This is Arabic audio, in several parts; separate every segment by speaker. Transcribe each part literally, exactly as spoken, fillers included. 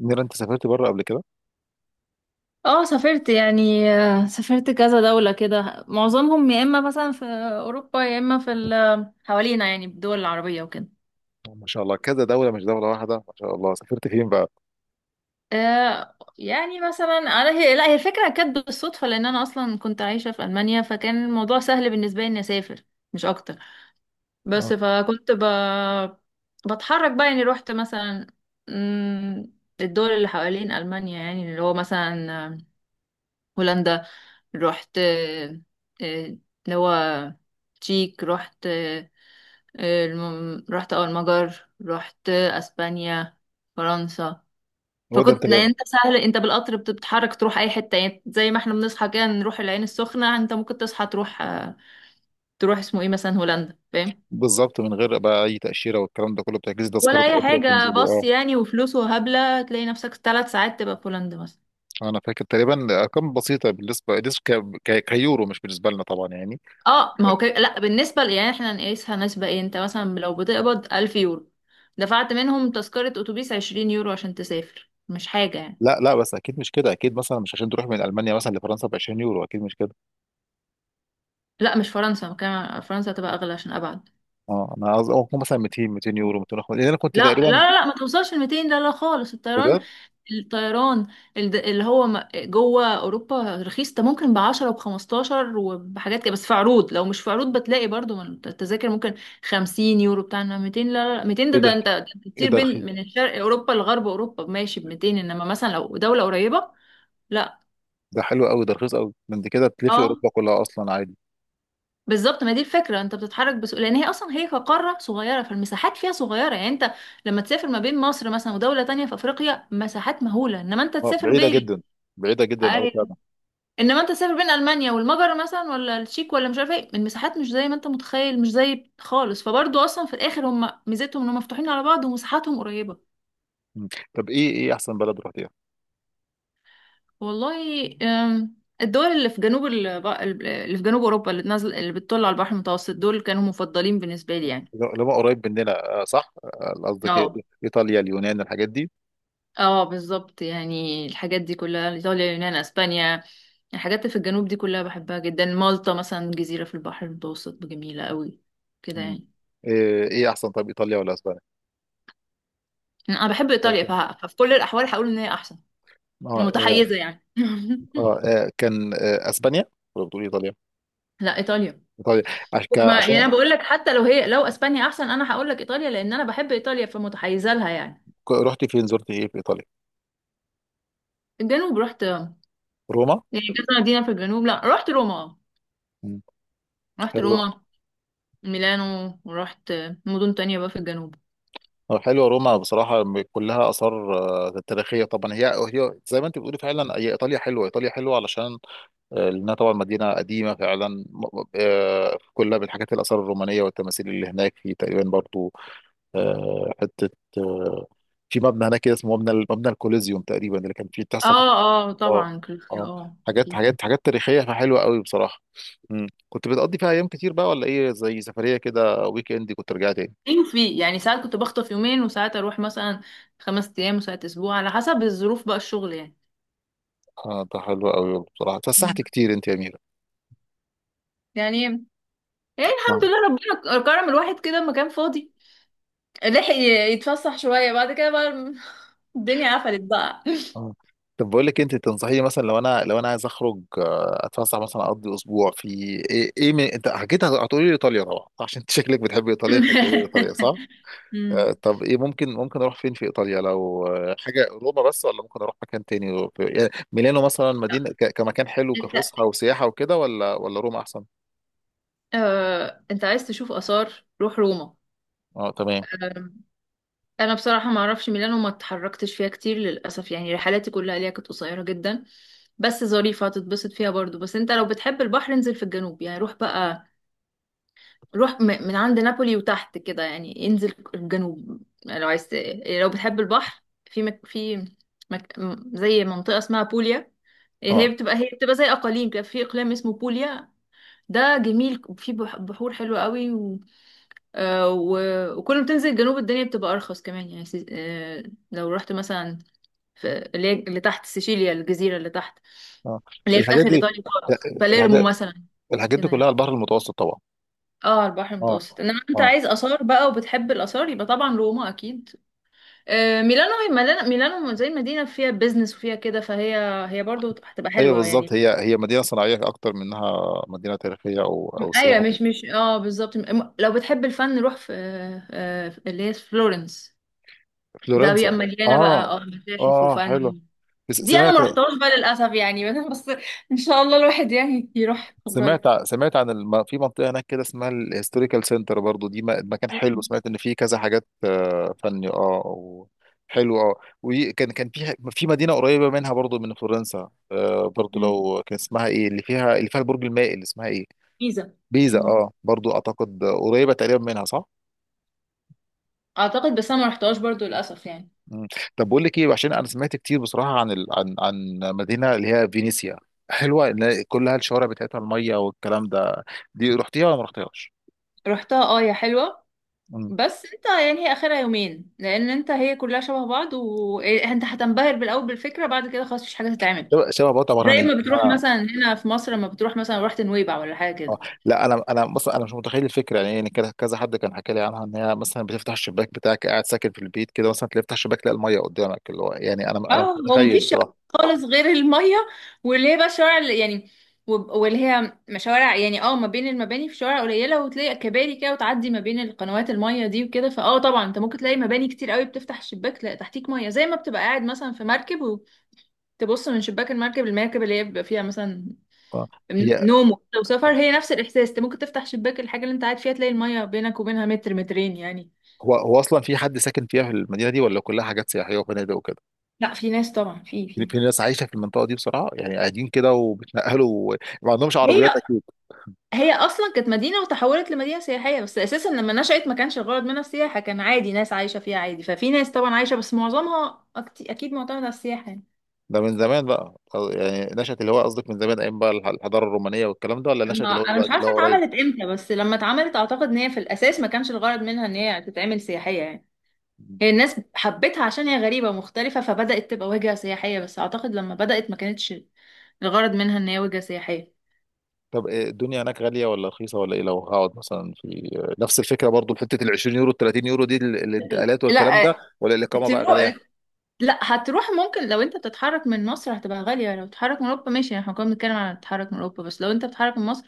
Speaker 1: نيرة، انت سافرت بره قبل كده؟
Speaker 2: اه سافرت يعني آه، سافرت كذا دولة كده معظمهم يا اما مثلا في اوروبا يا اما في ال- حوالينا يعني الدول العربية وكده
Speaker 1: ما شاء الله، كذا دولة مش دولة واحدة. ما شاء الله. سافرت فين بقى؟
Speaker 2: آه يعني مثلا انا هي لا هي الفكرة كانت بالصدفة لان انا اصلا كنت عايشة في المانيا فكان الموضوع سهل بالنسبة لي اني اسافر مش اكتر. بس
Speaker 1: اه،
Speaker 2: فكنت ب... بتحرك بقى يعني رحت مثلا مم، الدول اللي حوالين المانيا يعني اللي هو مثلا هولندا، رحت آه، آه، اللي هو تشيك، رحت آه، آه، الم- رحت اه المجر، رحت آه، اسبانيا، فرنسا.
Speaker 1: هو ده انت
Speaker 2: فكنت
Speaker 1: ده.
Speaker 2: يعني انت سهل، انت بالقطر بت- بتتحرك تروح اي حته، يعني زي ما احنا بنصحى كده نروح العين السخنه، انت ممكن تصحى تروح آه، تروح اسمه ايه مثلا هولندا، فاهم؟
Speaker 1: بالظبط. من غير بقى اي تأشيرة والكلام ده كله. بتحجز
Speaker 2: ولا
Speaker 1: تذكرة
Speaker 2: اي
Speaker 1: قطر
Speaker 2: حاجه.
Speaker 1: وتنزل.
Speaker 2: بص
Speaker 1: اه.
Speaker 2: يعني وفلوس وهبله تلاقي نفسك ثلاث ساعات تبقى في هولندا مثلا.
Speaker 1: انا فاكر تقريبا ارقام بسيطة، بالنسبة بالنسبة ك... ك... كيورو، مش بالنسبة لنا طبعا يعني.
Speaker 2: اه ما هو كده. لا بالنسبة ل- يعني احنا نقيسها نسبة ايه، انت مثلا لو بتقبض ألف يورو دفعت منهم تذكرة أتوبيس عشرين يورو عشان تسافر، مش حاجة يعني.
Speaker 1: لا لا، بس اكيد مش كده. اكيد مثلا مش عشان تروح من المانيا مثلا لفرنسا ب عشرين يورو. اكيد مش كده.
Speaker 2: لا مش فرنسا، كمان فرنسا تبقى أغلى عشان أبعد.
Speaker 1: اه، انا قصدي أو مثلا ميتين، ميتين يورو، ميتين وخمسين، لان انا كنت
Speaker 2: لا
Speaker 1: تقريبا.
Speaker 2: لا لا، ما توصلش ل ميتين، لا لا خالص. الطيران،
Speaker 1: بجد؟
Speaker 2: الطيران، الد- اللي هو م- جوه اوروبا رخيص، ده ممكن ب عشرة وب خمستاشر وبحاجات كده، بس في عروض. لو مش في عروض بتلاقي برضو من التذاكر ممكن خمسين يورو بتاع، إنما ميتين لا لا لا، ميتين ده
Speaker 1: ايه
Speaker 2: ده
Speaker 1: ده!
Speaker 2: انت ده أنت
Speaker 1: ايه
Speaker 2: بتطير
Speaker 1: ده رخيص!
Speaker 2: بين من الشرق اوروبا لغرب اوروبا ماشي ب ميتين، انما مثلا لو دولة قريبة لا.
Speaker 1: ده حلو قوي، ده رخيص قوي. ده انت كده تلفي
Speaker 2: اه
Speaker 1: اوروبا كلها اصلا عادي.
Speaker 2: بالظبط، ما دي الفكره، انت بتتحرك بسهوله لان هي اصلا هي كقاره صغيره، فالمساحات فيها صغيره يعني. انت لما تسافر ما بين مصر مثلا ودوله تانية في افريقيا مساحات مهوله، انما انت
Speaker 1: آه،
Speaker 2: تسافر
Speaker 1: بعيدة
Speaker 2: بين،
Speaker 1: جدا، بعيدة جدا أوي
Speaker 2: ايوه،
Speaker 1: فعلا.
Speaker 2: انما انت تسافر بين المانيا والمجر مثلا، ولا التشيك، ولا مش عارفه ايه، المساحات مش زي ما انت متخيل، مش زي خالص. فبرضه اصلا في الاخر هم ميزتهم انهم مفتوحين على بعض ومساحاتهم قريبه.
Speaker 1: مم. طب، إيه إيه أحسن بلد رحتيها؟
Speaker 2: والله أم، الدول اللي في جنوب ال- اللي في جنوب اوروبا، اللي نازل اللي بتطل على البحر المتوسط، دول كانوا مفضلين بالنسبه لي يعني.
Speaker 1: اللي هو قريب مننا، آه، صح؟ آه، قصدك إيه؟
Speaker 2: اه.
Speaker 1: إيطاليا، اليونان، الحاجات دي.
Speaker 2: اه بالظبط، يعني الحاجات دي كلها ايطاليا، يونان، اسبانيا، يعني الحاجات اللي في الجنوب دي كلها بحبها جدا. مالطا مثلا، جزيرة في البحر المتوسط جميلة قوي كده
Speaker 1: مم.
Speaker 2: يعني.
Speaker 1: إيه إيه أحسن؟ طب، إيطاليا ولا أسبانيا؟
Speaker 2: انا بحب ايطاليا
Speaker 1: أوكي.
Speaker 2: فه- ففي كل الاحوال هقول ان هي احسن.
Speaker 1: آه، آه.
Speaker 2: متحيزة يعني
Speaker 1: آه، آه، كان آه أسبانيا ولا بتقول إيطاليا؟
Speaker 2: لا، ايطاليا.
Speaker 1: إيطاليا. عش- ك-
Speaker 2: ما يعني انا
Speaker 1: عشان.
Speaker 2: بقول لك حتى لو هي لو اسبانيا احسن انا هقول لك ايطاليا، لان انا بحب ايطاليا فمتحيزة لها يعني.
Speaker 1: ك- رحتي فين، زرتي إيه في إيطاليا؟
Speaker 2: الجنوب رحت يعني
Speaker 1: روما؟
Speaker 2: كذا مدينة في الجنوب، لا رحت روما،
Speaker 1: مم.
Speaker 2: رحت
Speaker 1: حلو.
Speaker 2: روما، ميلانو، ورحت مدن تانية بقى في الجنوب.
Speaker 1: آه، حلوة روما بصراحة، م- كلها آثار آه، تاريخية طبعا. هي هي زي ما أنت بتقولي، فعلا هي إيطاليا حلوة. إيطاليا حلوة علشان آه، لأنها طبعا مدينة قديمة فعلا، م- آه، كلها بالحاجات، الآثار الرومانية والتماثيل اللي هناك. في تقريبا برضو آه، حتة، آه، في مبنى هناك كده اسمه مبنى ال- مبنى الكوليزيوم تقريبا، اللي كان فيه بتحصل فيه
Speaker 2: اه اه
Speaker 1: اه
Speaker 2: طبعا كنت
Speaker 1: آه،
Speaker 2: اه،
Speaker 1: حاجات
Speaker 2: اوكي.
Speaker 1: حاجات حاجات تاريخية، فحلوة قوي بصراحة. مم. كنت بتقضي فيها أيام كتير بقى، ولا إيه، زي سفرية كده ويك إند، كنت رجعت تاني؟
Speaker 2: ايه وفي يعني ساعات كنت بخطف يومين، وساعات اروح مثلا خمس ايام، وساعات اسبوع، على حسب الظروف بقى الشغل يعني.
Speaker 1: آه، ده حلو قوي بصراحة، اتفسحت
Speaker 2: مم.
Speaker 1: كتير أنت يا أميرة.
Speaker 2: يعني، يعني الحمد لله، ربنا كرم الواحد كده لما كان فاضي لحق ي- يتفسح شوية. بعد كده بقى الم- الدنيا قفلت بقى.
Speaker 1: آه. طب بقول لك إيه، انت تنصحيني مثلا، لو انا لو انا عايز اخرج آه، اتفسح مثلا، اقضي اسبوع في ايه ايه من انت حكيت، هتقولي لي ايطاليا طبعا عشان انت شكلك بتحب ايطاليا فتقولي لي ايطاليا، صح؟
Speaker 2: مم.
Speaker 1: آه، طب ايه، ممكن ممكن اروح فين في ايطاليا، لو آه، حاجه روما بس، ولا ممكن اروح مكان تاني، في- يعني ميلانو مثلا، مدينه ك- كمكان حلو،
Speaker 2: انت
Speaker 1: كفسحه وسياحه وكده، ولا ولا روما احسن؟
Speaker 2: آه، انت عايز تشوف آثار روح روما.
Speaker 1: اه، تمام.
Speaker 2: انا بصراحه ما اعرفش ميلانو وما اتحركتش فيها كتير للاسف يعني، رحلاتي كلها ليها كانت قصيره جدا، بس ظريفه هتتبسط فيها برضو. بس انت لو بتحب البحر انزل في الجنوب، يعني روح بقى، روح م- من عند نابولي وتحت كده يعني، انزل الجنوب، يعني لو عايز ت- لو بتحب البحر. في مك... في مك... م- زي منطقه اسمها بوليا، هي
Speaker 1: اه،
Speaker 2: بتبقى، هي بتبقى زي اقاليم كده، في اقليم اسمه بوليا، ده جميل، في بح- بحور حلوه قوي. آه، و- وكل ما تنزل الجنوب الدنيا بتبقى ارخص كمان يعني. سي- آه، لو رحت مثلا في اللي هي اللي تحت سيشيليا، الجزيره اللي تحت
Speaker 1: اه.
Speaker 2: اللي هي في
Speaker 1: الحاجات
Speaker 2: اخر
Speaker 1: دي،
Speaker 2: ايطاليا
Speaker 1: آه،
Speaker 2: خالص، باليرمو
Speaker 1: الحاجات
Speaker 2: مثلا،
Speaker 1: الحاجات دي
Speaker 2: كده
Speaker 1: كلها
Speaker 2: يعني.
Speaker 1: على البحر المتوسط طبعا.
Speaker 2: اه البحر
Speaker 1: اه،
Speaker 2: المتوسط. انما انت
Speaker 1: اه.
Speaker 2: عايز اثار بقى وبتحب الاثار يبقى طبعا روما اكيد. آه، ميلانو، هي ميلانو، ميلانو زي مدينه فيها بيزنس وفيها كده، فهي، هي برضو هتبقى
Speaker 1: ايوه،
Speaker 2: حلوه
Speaker 1: بالظبط،
Speaker 2: يعني.
Speaker 1: هي هي مدينه صناعيه اكتر منها مدينه تاريخيه او او
Speaker 2: ايوه
Speaker 1: سياحه.
Speaker 2: مش مش اه بالظبط. م- لو بتحب الفن روح في آه، آه، اللي هي في فلورنس، ده
Speaker 1: فلورنسا.
Speaker 2: بيبقى مليانه بقى اه
Speaker 1: اه،
Speaker 2: متاحف
Speaker 1: اه، حلو.
Speaker 2: وفن.
Speaker 1: س-
Speaker 2: دي انا
Speaker 1: سمعت.
Speaker 2: ما رحتهاش بقى للاسف يعني بس ان شاء الله الواحد يعني يروح
Speaker 1: سمعت
Speaker 2: قريب.
Speaker 1: سمعت عن الم... في منطقه هناك كده اسمها الهيستوريكال سنتر، برضو دي م- مكان حلو.
Speaker 2: مم.
Speaker 1: سمعت ان فيه كذا حاجات آه، فني، اه و... حلو اه. وكان كان في في مدينه قريبه منها برضو من فلورنسا، آه برضو،
Speaker 2: مم.
Speaker 1: لو كان اسمها ايه، اللي فيها اللي فيها البرج المائل، اسمها ايه؟
Speaker 2: جيزه.
Speaker 1: بيزا.
Speaker 2: مم.
Speaker 1: اه، برضو اعتقد قريبه تقريبا منها، صح؟
Speaker 2: اعتقد، بس انا ما رحتهاش برضو للاسف يعني.
Speaker 1: مم. طب بقول لك ايه، عشان انا سمعت كتير بصراحه عن ال... عن عن مدينه اللي هي فينيسيا، حلوه، اللي كلها الشوارع بتاعتها الميه والكلام ده. دي رحتيها ولا ما رحتيهاش؟
Speaker 2: رحتها اه، هي حلوه،
Speaker 1: مم.
Speaker 2: بس انت يعني هي اخرها يومين، لان انت هي كلها شبه بعض، وانت هتنبهر بالاول بالفكره، بعد كده خلاص مفيش حاجه تتعمل.
Speaker 1: شبه شبه بطه برهان.
Speaker 2: زي ما بتروح مثلا هنا في مصر لما بتروح مثلا رحت نويبع ولا حاجه
Speaker 1: اه،
Speaker 2: كده.
Speaker 1: لا، انا انا مثلا، انا مش متخيل الفكره يعني، يعني كده كذا حد كان حكى لي عنها ان هي مثلا بتفتح الشباك بتاعك، قاعد ساكن في البيت كده مثلا، تلاقي تفتح الشباك تلاقي الميه قدامك، اللي هو يعني انا انا مش
Speaker 2: اه هو
Speaker 1: متخيل
Speaker 2: مفيش شوارع
Speaker 1: بصراحه.
Speaker 2: خالص غير المية، واللي هي بقى الشوارع اللي يعني، وب- واللي هي مشوارع يعني. اه ما بين المباني في شوارع قليلة، وتلاقي كباري كده وتعدي ما بين القنوات المية دي وكده. فاه طبعا انت ممكن تلاقي مباني كتير قوي بتفتح الشباك تلاقي تحتيك مية، زي ما بتبقى قاعد مثلا في مركب وتبص من شباك المركب. المركب اللي هي بيبقى فيها مثلا
Speaker 1: آه. هي
Speaker 2: نوم وكده وسفر،
Speaker 1: آه،
Speaker 2: هي نفس الإحساس. انت ممكن تفتح شباك الحاجة اللي انت قاعد فيها تلاقي المية بينك وبينها متر مترين يعني.
Speaker 1: هو هو اصلا في حد ساكن فيها في المدينه دي، ولا كلها حاجات سياحيه وفنادق؟
Speaker 2: لا في ناس طبعا، في في،
Speaker 1: في ناس عايشه في المنطقه دي بصراحه يعني، قاعدين كده وبيتنقلوا. ما عندهمش
Speaker 2: هي
Speaker 1: عربيات اكيد.
Speaker 2: هي اصلا كانت مدينه وتحولت لمدينه سياحيه، بس اساسا لما نشأت ما كانش الغرض منها السياحه، كان عادي ناس عايشه فيها عادي. ففي ناس طبعا عايشه، بس معظمها أكت- اكيد معتمده على السياحه يعني.
Speaker 1: ده من زمان بقى خلاص، يعني نشأت الهوايه قصدك من زمان، ايام بقى الح- الحضاره الرومانيه والكلام ده، ولا نشأت
Speaker 2: ما-
Speaker 1: الهوايه
Speaker 2: انا مش
Speaker 1: دلوقتي اللي
Speaker 2: عارفه
Speaker 1: هو قريب؟
Speaker 2: اتعملت امتى، بس لما اتعملت اعتقد ان هي في الاساس ما كانش الغرض منها ان هي تتعمل سياحيه يعني. هي الناس حبتها عشان هي غريبه ومختلفه فبدأت تبقى وجهه سياحيه، بس اعتقد لما بدأت ما كانتش الغرض منها ان هي وجهه سياحيه.
Speaker 1: طب إيه، الدنيا هناك غاليه ولا رخيصه ولا ايه؟ لو هقعد مثلا في نفس الفكره برضو، حته ال عشرين يورو ال تلاتين يورو دي، ال- الانتقالات والكلام
Speaker 2: لا
Speaker 1: ده، ولا الاقامه بقى
Speaker 2: تروح،
Speaker 1: غاليه؟
Speaker 2: لا هتروح ممكن. لو انت بتتحرك من مصر هتبقى غالية، لو بتتحرك من اوروبا ماشي. احنا كنا بنتكلم عن التحرك من اوروبا، بس لو انت بتتحرك من مصر.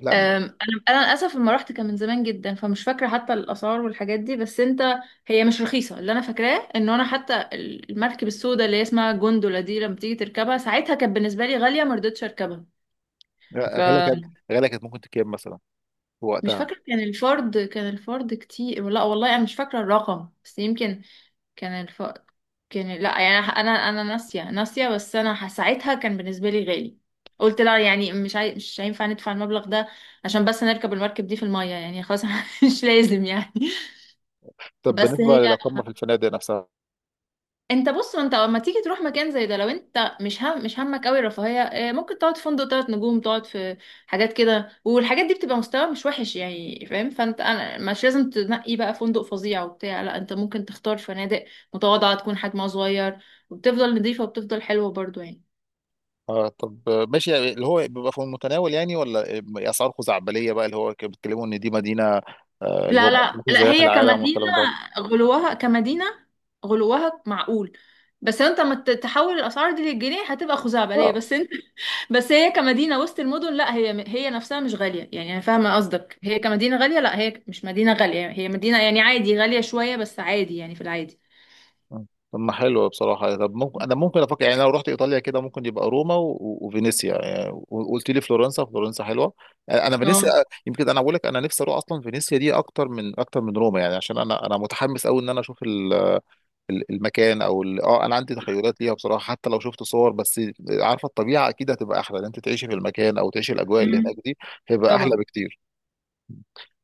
Speaker 1: لا، م-
Speaker 2: أم، انا انا للاسف لما رحت كان من زمان جدا فمش فاكرة حتى الاسعار والحاجات دي. بس انت هي مش رخيصة، اللي انا فاكراه ان انا حتى المركب السوداء اللي هي اسمها جوندولا دي لما تيجي تركبها ساعتها كانت بالنسبة لي غالية ما رضيتش اركبها.
Speaker 1: غاليه كانت.
Speaker 2: فمش
Speaker 1: غاليه كانت ممكن تكام مثلا في وقتها؟
Speaker 2: فاكرة، كان الفرد كان الفرد كتير، لا والله انا مش فاكرة الرقم، بس يمكن كان الفقر كان، لا يعني انا، انا أنا ناسيه ناسيه. بس انا ح- ساعتها كان بالنسبه لي غالي، قلت لا يعني مش عاي... مش هينفع ندفع المبلغ ده عشان بس نركب المركب دي في الميه يعني، خلاص مش لازم يعني.
Speaker 1: طب
Speaker 2: بس
Speaker 1: بالنسبه
Speaker 2: هي،
Speaker 1: للاقامه في الفنادق نفسها؟
Speaker 2: انت بص ما انت لما تيجي تروح مكان زي ده لو انت مش هم مش همك قوي الرفاهيه، اه، ممكن تقعد في فندق ثلاث نجوم، تقعد في حاجات كده والحاجات دي بتبقى مستوى مش وحش يعني، فاهم؟ فانت، انا مش لازم تنقي بقى فندق فظيع وبتاع، لا انت ممكن تختار فنادق متواضعه تكون حجمها صغير، وبتفضل نظيفه وبتفضل حلوه برضو يعني.
Speaker 1: اه، طب ماشي. اللي هو بيبقى في المتناول يعني، ولا اسعار خزعبليه بقى، اللي هو كانوا بيتكلموا ان دي مدينه آه، اللي هو
Speaker 2: لا لا
Speaker 1: مفيش
Speaker 2: لا،
Speaker 1: زيها في
Speaker 2: هي
Speaker 1: العالم
Speaker 2: كمدينه
Speaker 1: والكلام ده؟
Speaker 2: غلوها، كمدينه غلوها معقول، بس انت لما ت- تحول الاسعار دي للجنيه هتبقى خزعبليه.
Speaker 1: اه،
Speaker 2: بس انت، بس هي كمدينة وسط المدن لا، هي هي نفسها مش غالية يعني. أنا فاهمة قصدك، هي كمدينة غالية لا، هي مش مدينة غالية، هي مدينة يعني عادي، غالية شوية بس عادي يعني، في العادي.
Speaker 1: طب، ما حلو بصراحه. طب ممكن، انا
Speaker 2: مم.
Speaker 1: ممكن افكر يعني، لو رحت ايطاليا كده، ممكن يبقى روما و- وفينيسيا يعني، وقلت لي فلورنسا، فلورنسا حلوه. آه، انا فينيسيا،
Speaker 2: اه
Speaker 1: آه، يمكن، انا بقول لك، انا نفسي اروح اصلا فينيسيا دي اكتر من اكتر من روما يعني، عشان انا انا متحمس قوي ان انا اشوف ال- المكان او ال- اه انا عندي تخيلات ليها بصراحه، حتى لو شفت صور بس، عارفه الطبيعه اكيد هتبقى احلى، ان انت تعيشي في المكان او تعيشي الاجواء اللي
Speaker 2: أمم.
Speaker 1: هناك دي، هيبقى احلى
Speaker 2: طبعا.
Speaker 1: بكتير.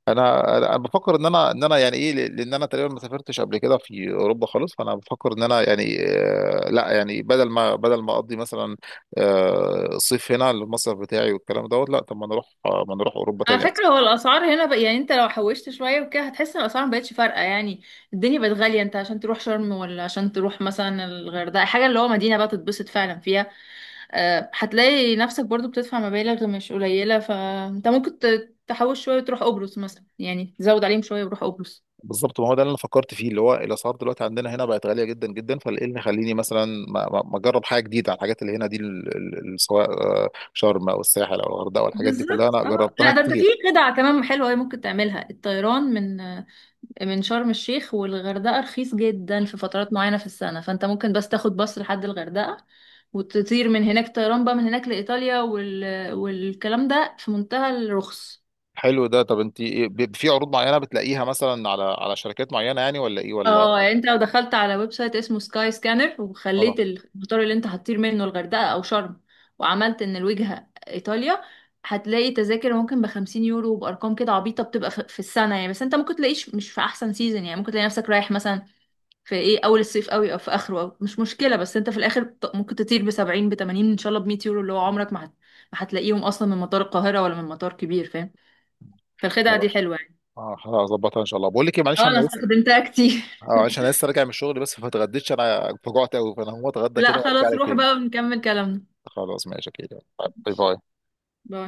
Speaker 1: انا انا أنا بفكر ان انا ان انا يعني ايه، ل- لان انا تقريبا ما سافرتش قبل كده في اوروبا خالص، فانا بفكر ان انا يعني، آه، لا يعني بدل ما بدل ما اقضي مثلا آه، الصيف هنا المصيف بتاعي والكلام دوت، لا طب ما نروح، آه، ما نروح اوروبا
Speaker 2: على
Speaker 1: تاني.
Speaker 2: فكرة هو الأسعار هنا بقى يعني أنت لو حوشت شوية وكده هتحس إن الأسعار مبقتش فارقة يعني. الدنيا بقت غالية، أنت عشان تروح شرم ولا عشان تروح مثلا الغردقة، حاجة اللي هو مدينة بقى تتبسط فعلا فيها، آه، هتلاقي نفسك برضو بتدفع مبالغ مش قليلة. فأنت ممكن ت- تحوش شوية وتروح قبرص مثلا يعني، تزود عليهم شوية وروح قبرص.
Speaker 1: بالظبط، ما هو ده اللي انا فكرت فيه، اللي هو الاسعار دلوقتي عندنا هنا بقت غاليه جدا جدا، فايه اللي يخليني مثلا ما ما- ما اجرب حاجه جديده على الحاجات اللي هنا دي، ال- ال- ال- سواء آه، شرم او الساحل او الغردقه، والحاجات دي كلها
Speaker 2: بالظبط
Speaker 1: انا
Speaker 2: اه.
Speaker 1: جربتها
Speaker 2: لا ده انت في
Speaker 1: كتير.
Speaker 2: خدعة كمان حلوة أوي ممكن تعملها، الطيران من من شرم الشيخ والغردقة رخيص جدا في فترات معينة في السنة، فانت ممكن بس تاخد باص لحد الغردقة وتطير من هناك طيران بقى من هناك لإيطاليا وال... والكلام ده في منتهى الرخص.
Speaker 1: حلو ده. طب انت إيه، ب- في عروض معينه بتلاقيها مثلا على على شركات معينه يعني، ولا ايه،
Speaker 2: اه
Speaker 1: ولا؟
Speaker 2: يعني انت لو دخلت على ويب سايت اسمه سكاي سكانر
Speaker 1: اه.
Speaker 2: وخليت المطار اللي انت هتطير منه الغردقة او شرم، وعملت ان الوجهة ايطاليا، هتلاقي تذاكر ممكن بخمسين يورو وبارقام كده عبيطة بتبقى في في السنة يعني. بس انت ممكن تلاقيش مش في احسن سيزون يعني، ممكن تلاقي نفسك رايح مثلا في ايه اول الصيف قوي او في اخره، أو مش مشكلة، بس انت في الاخر ط- ممكن تطير بسبعين بتمانين ان شاء الله بمية يورو، اللي هو عمرك ما هت- ما هتلاقيهم اصلا من مطار القاهرة ولا من مطار كبير، فاهم؟ فالخدعة
Speaker 1: ولا.
Speaker 2: دي حلوة يعني.
Speaker 1: اه، هظبطها ان شاء الله. بقول لك ايه، معلش
Speaker 2: اه
Speaker 1: انا
Speaker 2: انا
Speaker 1: لسه.
Speaker 2: استخدمتها كتير.
Speaker 1: اه، عشان انا لسه راجع من الشغل بس فاتغديتش، انا فجعت قوي، فانا هقوم اتغدى
Speaker 2: لا
Speaker 1: كده وارجع
Speaker 2: خلاص
Speaker 1: لك
Speaker 2: روح
Speaker 1: تاني.
Speaker 2: بقى ونكمل كلامنا.
Speaker 1: خلاص، ماشي كده. باي باي.
Speaker 2: باي.